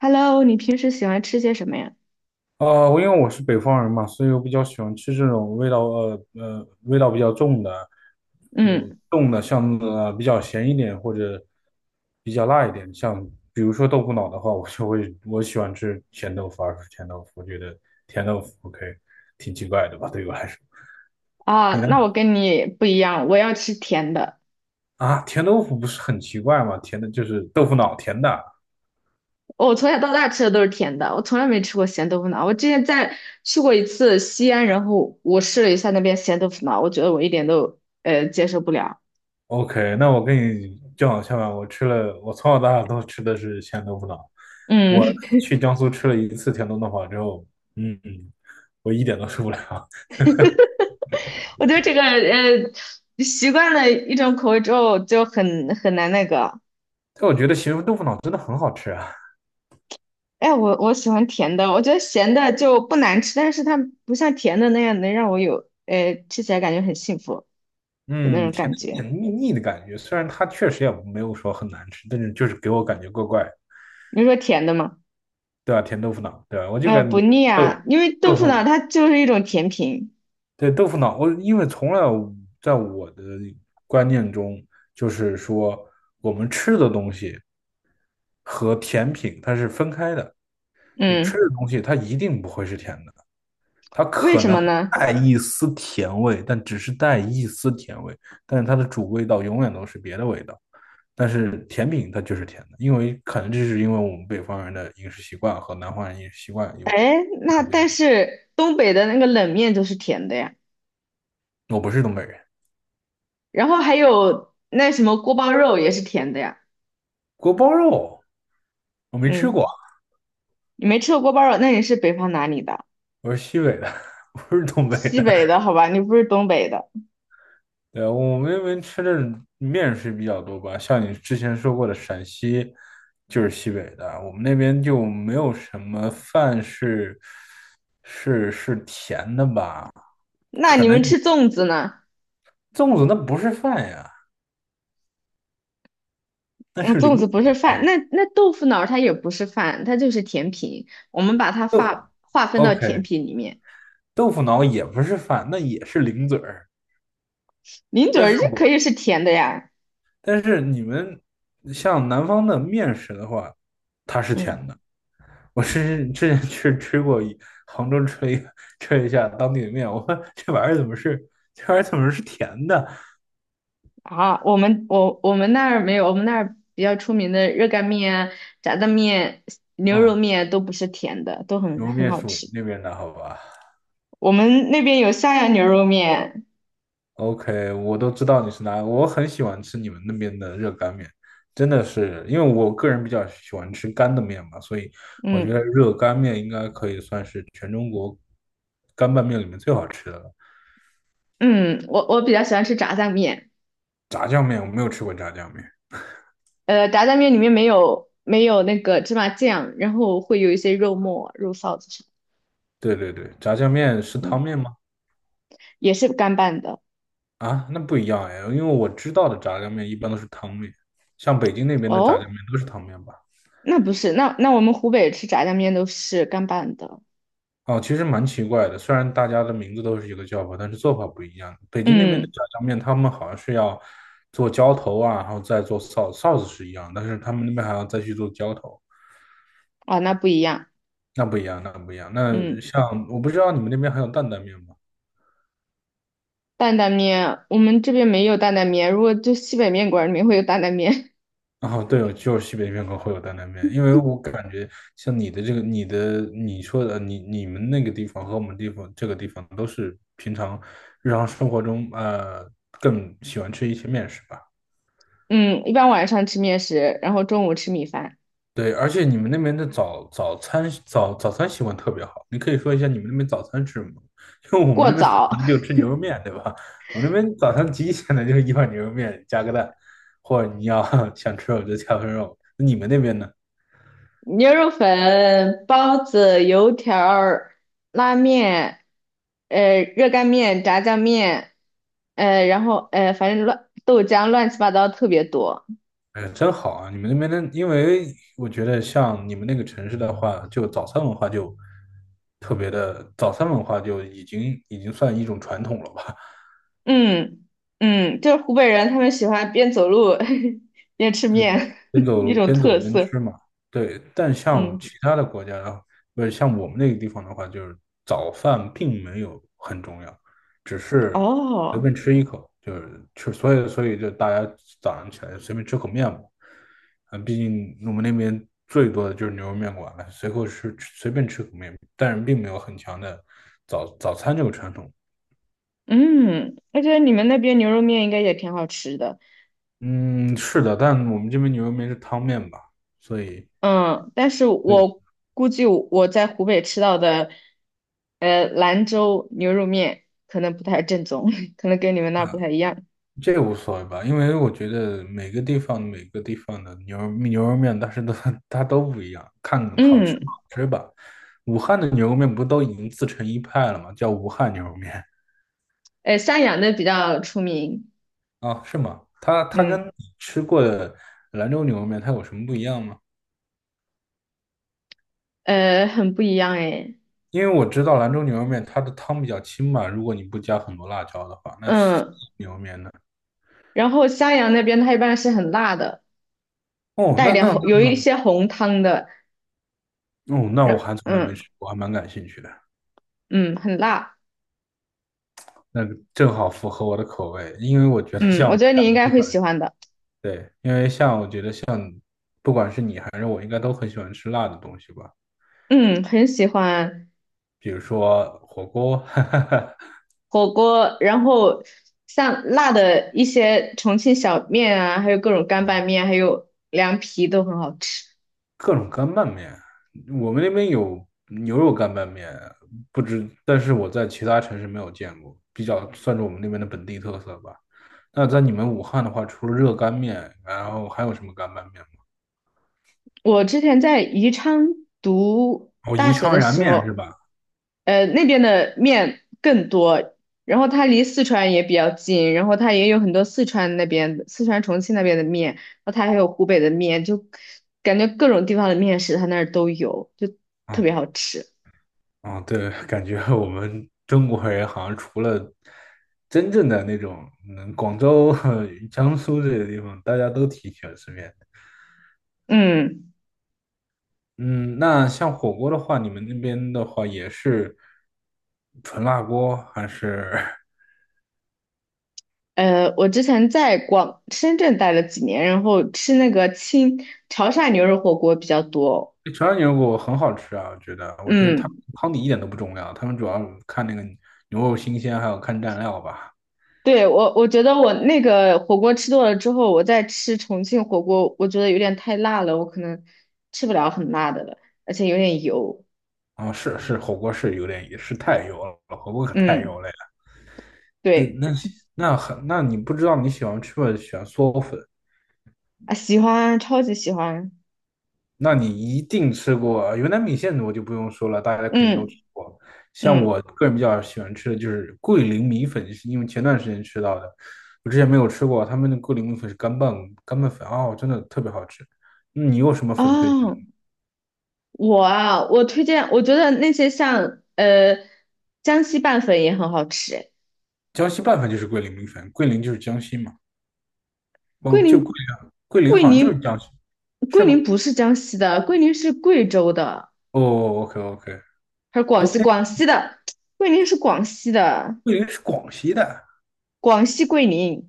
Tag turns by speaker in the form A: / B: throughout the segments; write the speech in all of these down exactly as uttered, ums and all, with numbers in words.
A: Hello，你平时喜欢吃些什么呀？
B: 呃，我因为我是北方人嘛，所以我比较喜欢吃这种味道，呃呃，味道比较重的，嗯，
A: 嗯
B: 重的像呃比较咸一点或者比较辣一点，像比如说豆腐脑的话，我就会我喜欢吃咸豆腐，而不是甜豆腐。我觉得甜豆腐 OK，挺奇怪的吧，对我来说。
A: 啊，
B: 你呢？
A: 那我跟你不一样，我要吃甜的。
B: 啊，甜豆腐不是很奇怪吗？甜的就是豆腐脑，甜的。
A: 我从小到大吃的都是甜的，我从来没吃过咸豆腐脑。我之前在去过一次西安，然后我试了一下那边咸豆腐脑，我觉得我一点都呃接受不了。
B: OK，那我跟你正好相反，我吃了，我从小到大都吃的是咸豆腐脑。我
A: 嗯。
B: 去江苏吃了一次甜豆腐脑之后，嗯嗯，我一点都受不了。
A: 我觉得这个呃习惯了一种口味之后就很很难那个。
B: 但我觉得咸州豆腐脑真的很好吃啊。
A: 哎，我我喜欢甜的，我觉得咸的就不难吃，但是它不像甜的那样能让我有呃吃起来感觉很幸福的那
B: 嗯，
A: 种
B: 甜
A: 感
B: 的有
A: 觉。
B: 点腻腻的感觉，虽然它确实也没有说很难吃，但是就是给我感觉怪怪
A: 你说甜的吗？
B: 对吧？甜豆腐脑，对吧？我就
A: 哎，
B: 感
A: 不
B: 觉
A: 腻啊，
B: 豆
A: 因为豆
B: 豆
A: 腐脑
B: 腐
A: 它就是一种甜品。
B: 对豆腐脑，我因为从来在我的观念中，就是说我们吃的东西和甜品它是分开的，就是吃
A: 嗯，
B: 的东西它一定不会是甜的。它
A: 为
B: 可
A: 什
B: 能
A: 么
B: 会
A: 呢？
B: 带一丝甜味，但只是带一丝甜味，但是它的主味道永远都是别的味道。但是甜品它就是甜的，因为可能这是因为我们北方人的饮食习惯和南方人饮食习惯有
A: 哎，那
B: 那不一样。
A: 但是东北的那个冷面就是甜的呀，
B: 我不是东北人，
A: 然后还有那什么锅包肉也是甜的呀。
B: 锅包肉我没吃过，
A: 嗯，你没吃过锅包肉，那你是北方哪里的？
B: 我是西北的，不是东北
A: 西北
B: 的。
A: 的好吧，你不是东北的。
B: 对，我们那边吃的面食比较多吧，像你之前说过的，陕西就是西北的，我们那边就没有什么饭是是是甜的吧？
A: 那
B: 可
A: 你
B: 能
A: 们吃
B: 有
A: 粽子呢？
B: 粽子那不是饭呀，那
A: 嗯，
B: 是
A: 粽
B: 零
A: 子
B: 嘴
A: 不是
B: 儿
A: 饭，
B: 啊。
A: 那那豆腐脑儿它也不是饭，它就是甜品。我们把它划划分到甜
B: OK，
A: 品里面，
B: 豆腐脑也不是饭，那也是零嘴儿。
A: 零嘴
B: 但是
A: 儿就可
B: 我。
A: 以是甜的呀。
B: 但是你们像南方的面食的话，它是
A: 嗯。
B: 甜的。我是之前去吃过一杭州吃了一个吃了一下当地的面，我说这玩意儿怎么是这玩意儿怎么是甜的？
A: 啊，我们我我们那儿没有，我们那儿比较出名的热干面啊、炸酱面、牛肉
B: 哦，
A: 面都不是甜的，都很
B: 牛肉
A: 很
B: 面
A: 好
B: 是我
A: 吃。
B: 们那边的，好吧
A: 我们那边有襄阳牛肉面，
B: ？OK，我都知道你是哪，我很喜欢吃你们那边的热干面，真的是因为我个人比较喜欢吃干的面嘛，所以我觉得
A: 嗯
B: 热干面应该可以算是全中国干拌面里面最好吃的了。
A: 嗯，我我比较喜欢吃炸酱面。
B: 炸酱面我没有吃过炸酱面。
A: 呃，炸酱面里面没有没有那个芝麻酱，然后会有一些肉末、肉臊子什
B: 对对对，炸酱面是
A: 么，
B: 汤
A: 嗯，
B: 面吗？
A: 也是干拌的。
B: 啊，那不一样哎，因为我知道的炸酱面一般都是汤面，像北京那边的炸酱
A: 哦，
B: 面都是汤面吧？
A: 那不是，那那我们湖北吃炸酱面都是干拌的，
B: 哦，其实蛮奇怪的，虽然大家的名字都是一个叫法，但是做法不一样。北京那边的
A: 嗯，
B: 炸酱面，他们好像是要做浇头啊，然后再做臊 a u c 是一样，但是他们那边还要再去做浇头，
A: 啊，那不一样，
B: 那不一样，那不一样。那
A: 嗯。
B: 像我不知道你们那边还有担担面吗？
A: 担担面，我们这边没有担担面，如果就西北面馆里面会有担担面。
B: 然后对，有就是西北面和会有担担面，因为我感觉像你的这个、你的、你说的、你你们那个地方和我们地方这个地方都是平常日常生活中呃更喜欢吃一些面食吧。
A: 嗯，一般晚上吃面食，然后中午吃米饭，
B: 对，而且你们那边的早早餐早早餐习惯特别好，你可以说一下你们那边早餐吃什么？因为我们
A: 过
B: 这边早
A: 早
B: 餐就吃牛肉面，对吧？我们那边早餐极简的就是一碗牛肉面加个蛋，或者你要 想吃肉就加份肉。那你们那边呢？
A: 牛肉粉、包子、油条儿拉面，呃，热干面、炸酱面，呃，然后呃，反正乱豆浆乱七八糟特别多。
B: 哎，真好啊！你们那边的，因为我觉得像你们那个城市的话，就早餐文化就特别的，早餐文化就已经已经算一种传统了吧？
A: 嗯嗯，就是湖北人他们喜欢边走路 边吃
B: 对，
A: 面，
B: 边走
A: 一
B: 路
A: 种
B: 边走
A: 特
B: 边
A: 色。
B: 吃嘛。对，但像
A: 嗯，
B: 其他的国家的话不是像我们那个地方的话，就是早饭并没有很重要，只是随
A: 哦。
B: 便吃一口，就是吃，所以所以就大家早上起来就随便吃口面嘛。啊，毕竟我们那边最多的就是牛肉面馆了，随后吃随便吃口面，但是并没有很强的早早餐这个传统。
A: 嗯，而且你们那边牛肉面应该也挺好吃的。
B: 嗯，是的，但我们这边牛肉面是汤面吧，所以。
A: 嗯，但是我估计我在湖北吃到的，呃，兰州牛肉面可能不太正宗，可能跟你们那儿不太一样。
B: 这个无所谓吧，因为我觉得每个地方每个地方的牛肉牛肉面，但是都 它都不一样，看好吃不
A: 嗯。
B: 好吃吧。武汉的牛肉面不都已经自成一派了吗？叫武汉牛肉面
A: 呃，襄阳的比较出名。
B: 啊，是吗？它它跟
A: 嗯。
B: 你吃过的兰州牛肉面它有什么不一样吗？
A: 呃，很不一样诶。
B: 因为我知道兰州牛肉面它的汤比较清嘛，如果你不加很多辣椒的话，那是
A: 嗯，
B: 牛肉面呢？
A: 然后襄阳那边它一般是很辣的，
B: 哦，
A: 带一
B: 那
A: 点
B: 那那
A: 红，有一
B: 那，
A: 些红汤的。
B: 哦，那我
A: 然，
B: 还从来没
A: 嗯
B: 吃过，我还蛮感兴趣的。
A: 嗯，很辣。
B: 那个正好符合我的口味，因为我觉得
A: 嗯，
B: 像我
A: 我
B: 们
A: 觉得你应
B: 两个
A: 该
B: 地
A: 会
B: 方
A: 喜欢的。
B: 对，因为像我觉得像不管是你还是我，应该都很喜欢吃辣的东西吧，
A: 嗯，很喜欢。
B: 比如说火锅，哈哈哈。
A: 火锅，然后像辣的一些重庆小面啊，还有各种干拌面，还有凉皮都很好吃。
B: 各种干拌面，我们那边有牛肉干拌面，不知，但是我在其他城市没有见过，比较算是我们那边的本地特色吧。那在你们武汉的话，除了热干面，然后还有什么干拌面吗？
A: 我之前在宜昌读
B: 哦，
A: 大
B: 宜
A: 学
B: 昌
A: 的
B: 燃
A: 时
B: 面是
A: 候，
B: 吧？
A: 呃，那边的面更多，然后它离四川也比较近，然后它也有很多四川那边四川重庆那边的面，然后它还有湖北的面，就感觉各种地方的面食它那儿都有，就特别
B: 啊、
A: 好吃。
B: 嗯，对，感觉我们中国人好像除了真正的那种，嗯，广州、江苏这些地方，大家都挺喜欢吃面的。
A: 嗯。
B: 嗯，那像火锅的话，你们那边的话也是纯辣锅还是？
A: 呃，我之前在广深圳待了几年，然后吃那个清潮汕牛肉火锅比较多。
B: 纯辣牛肉锅很好吃啊，我觉得，我觉得他
A: 嗯，
B: 汤底一点都不重要，他们主要看那个牛肉新鲜，还有看蘸料吧。
A: 对。我我觉得我那个火锅吃多了之后，我再吃重庆火锅，我觉得有点太辣了，我可能吃不了很辣的了，而且有点油。
B: 啊，是是，火锅是有点也是太油了，火锅可太
A: 嗯，
B: 油了。嗯，
A: 对
B: 那那很，那你不知道你喜欢吃不喜欢嗦粉，
A: 啊，喜欢，超级喜欢。
B: 那你一定吃过云南米线，我就不用说了，大家肯定都吃
A: 嗯
B: 过。像我
A: 嗯。
B: 个人比较喜欢吃的就是桂林米粉，是因为前段时间吃到的，我之前没有吃过，他们的桂林米粉是干拌干拌粉哦，真的特别好吃。你有什么粉推荐？
A: 啊，我啊，我推荐，我觉得那些像呃江西拌粉也很好吃。
B: 江西拌粉就是桂林米粉，桂林就是江西嘛，
A: 桂
B: 嗯，就桂
A: 林，
B: 林，桂林
A: 桂
B: 好像就是
A: 林，
B: 江西，
A: 桂
B: 是吗？
A: 林不是江西的，桂林是贵州的，
B: 哦，OK OK
A: 还是广
B: OK，
A: 西？广西的，桂林是广西的，
B: 桂林是广西的。
A: 广西桂林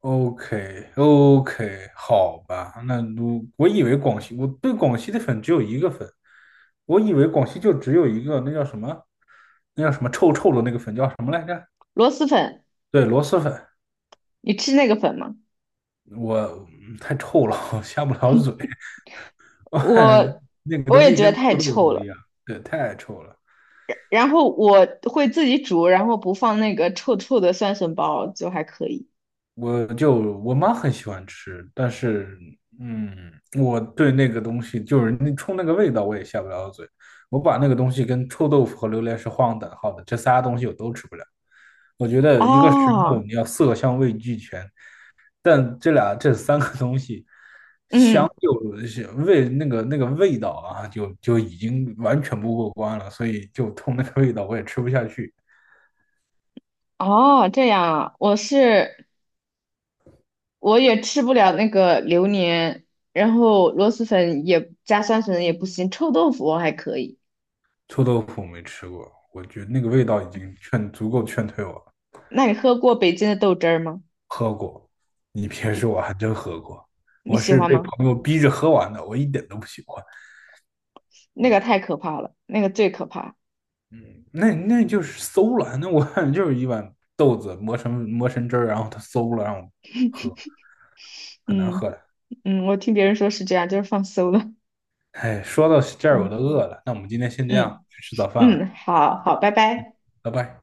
B: OK OK，好吧，那我我以为广西，我对广西的粉只有一个粉，我以为广西就只有一个，那叫什么？那叫什么臭臭的那个粉叫什么来着？
A: 螺蛳粉，
B: 对，螺蛳粉，
A: 你吃那个粉吗？
B: 我嗯太臭了，我 下不了嘴，我感觉
A: 我
B: 那个
A: 我
B: 东
A: 也
B: 西
A: 觉得
B: 跟
A: 太
B: 臭豆
A: 臭
B: 腐一
A: 了，
B: 样，对，太臭了。
A: 然后我会自己煮，然后不放那个臭臭的酸笋包，就还可以。
B: 我就我妈很喜欢吃，但是嗯，我对那个东西就是那冲那个味道我也下不了嘴。我把那个东西跟臭豆腐和榴莲是画上等号的，这仨东西我都吃不了。我觉得一个食物
A: 哦，
B: 你要色香味俱全，但这俩这三个东西
A: 嗯，
B: 就是味那个那个味道啊，就就已经完全不过关了，所以就冲那个味道我也吃不下去。
A: 哦，这样啊，我是我也吃不了那个榴莲，然后螺蛳粉也加酸笋也不行，臭豆腐我还可以。
B: 臭豆腐没吃过，我觉得那个味道已经劝足够劝退我了。
A: 那你喝过北京的豆汁儿吗？
B: 你别说，我还真喝过，
A: 你
B: 我
A: 喜
B: 是
A: 欢
B: 被
A: 吗？
B: 朋友逼着喝完的，我一点都不喜欢。
A: 那个太可怕了，那个最可怕。
B: 嗯，那那就是馊了，那我 感觉就是一碗豆子磨成磨成汁儿，然后它馊了，让我喝，很难喝
A: 嗯
B: 的。
A: 嗯，我听别人说是这样，就是放馊了。
B: 哎，说到这儿我
A: 嗯
B: 都饿了，那我们今天先这样，
A: 嗯
B: 去吃早饭了，
A: 嗯，好好，拜拜。
B: 拜拜。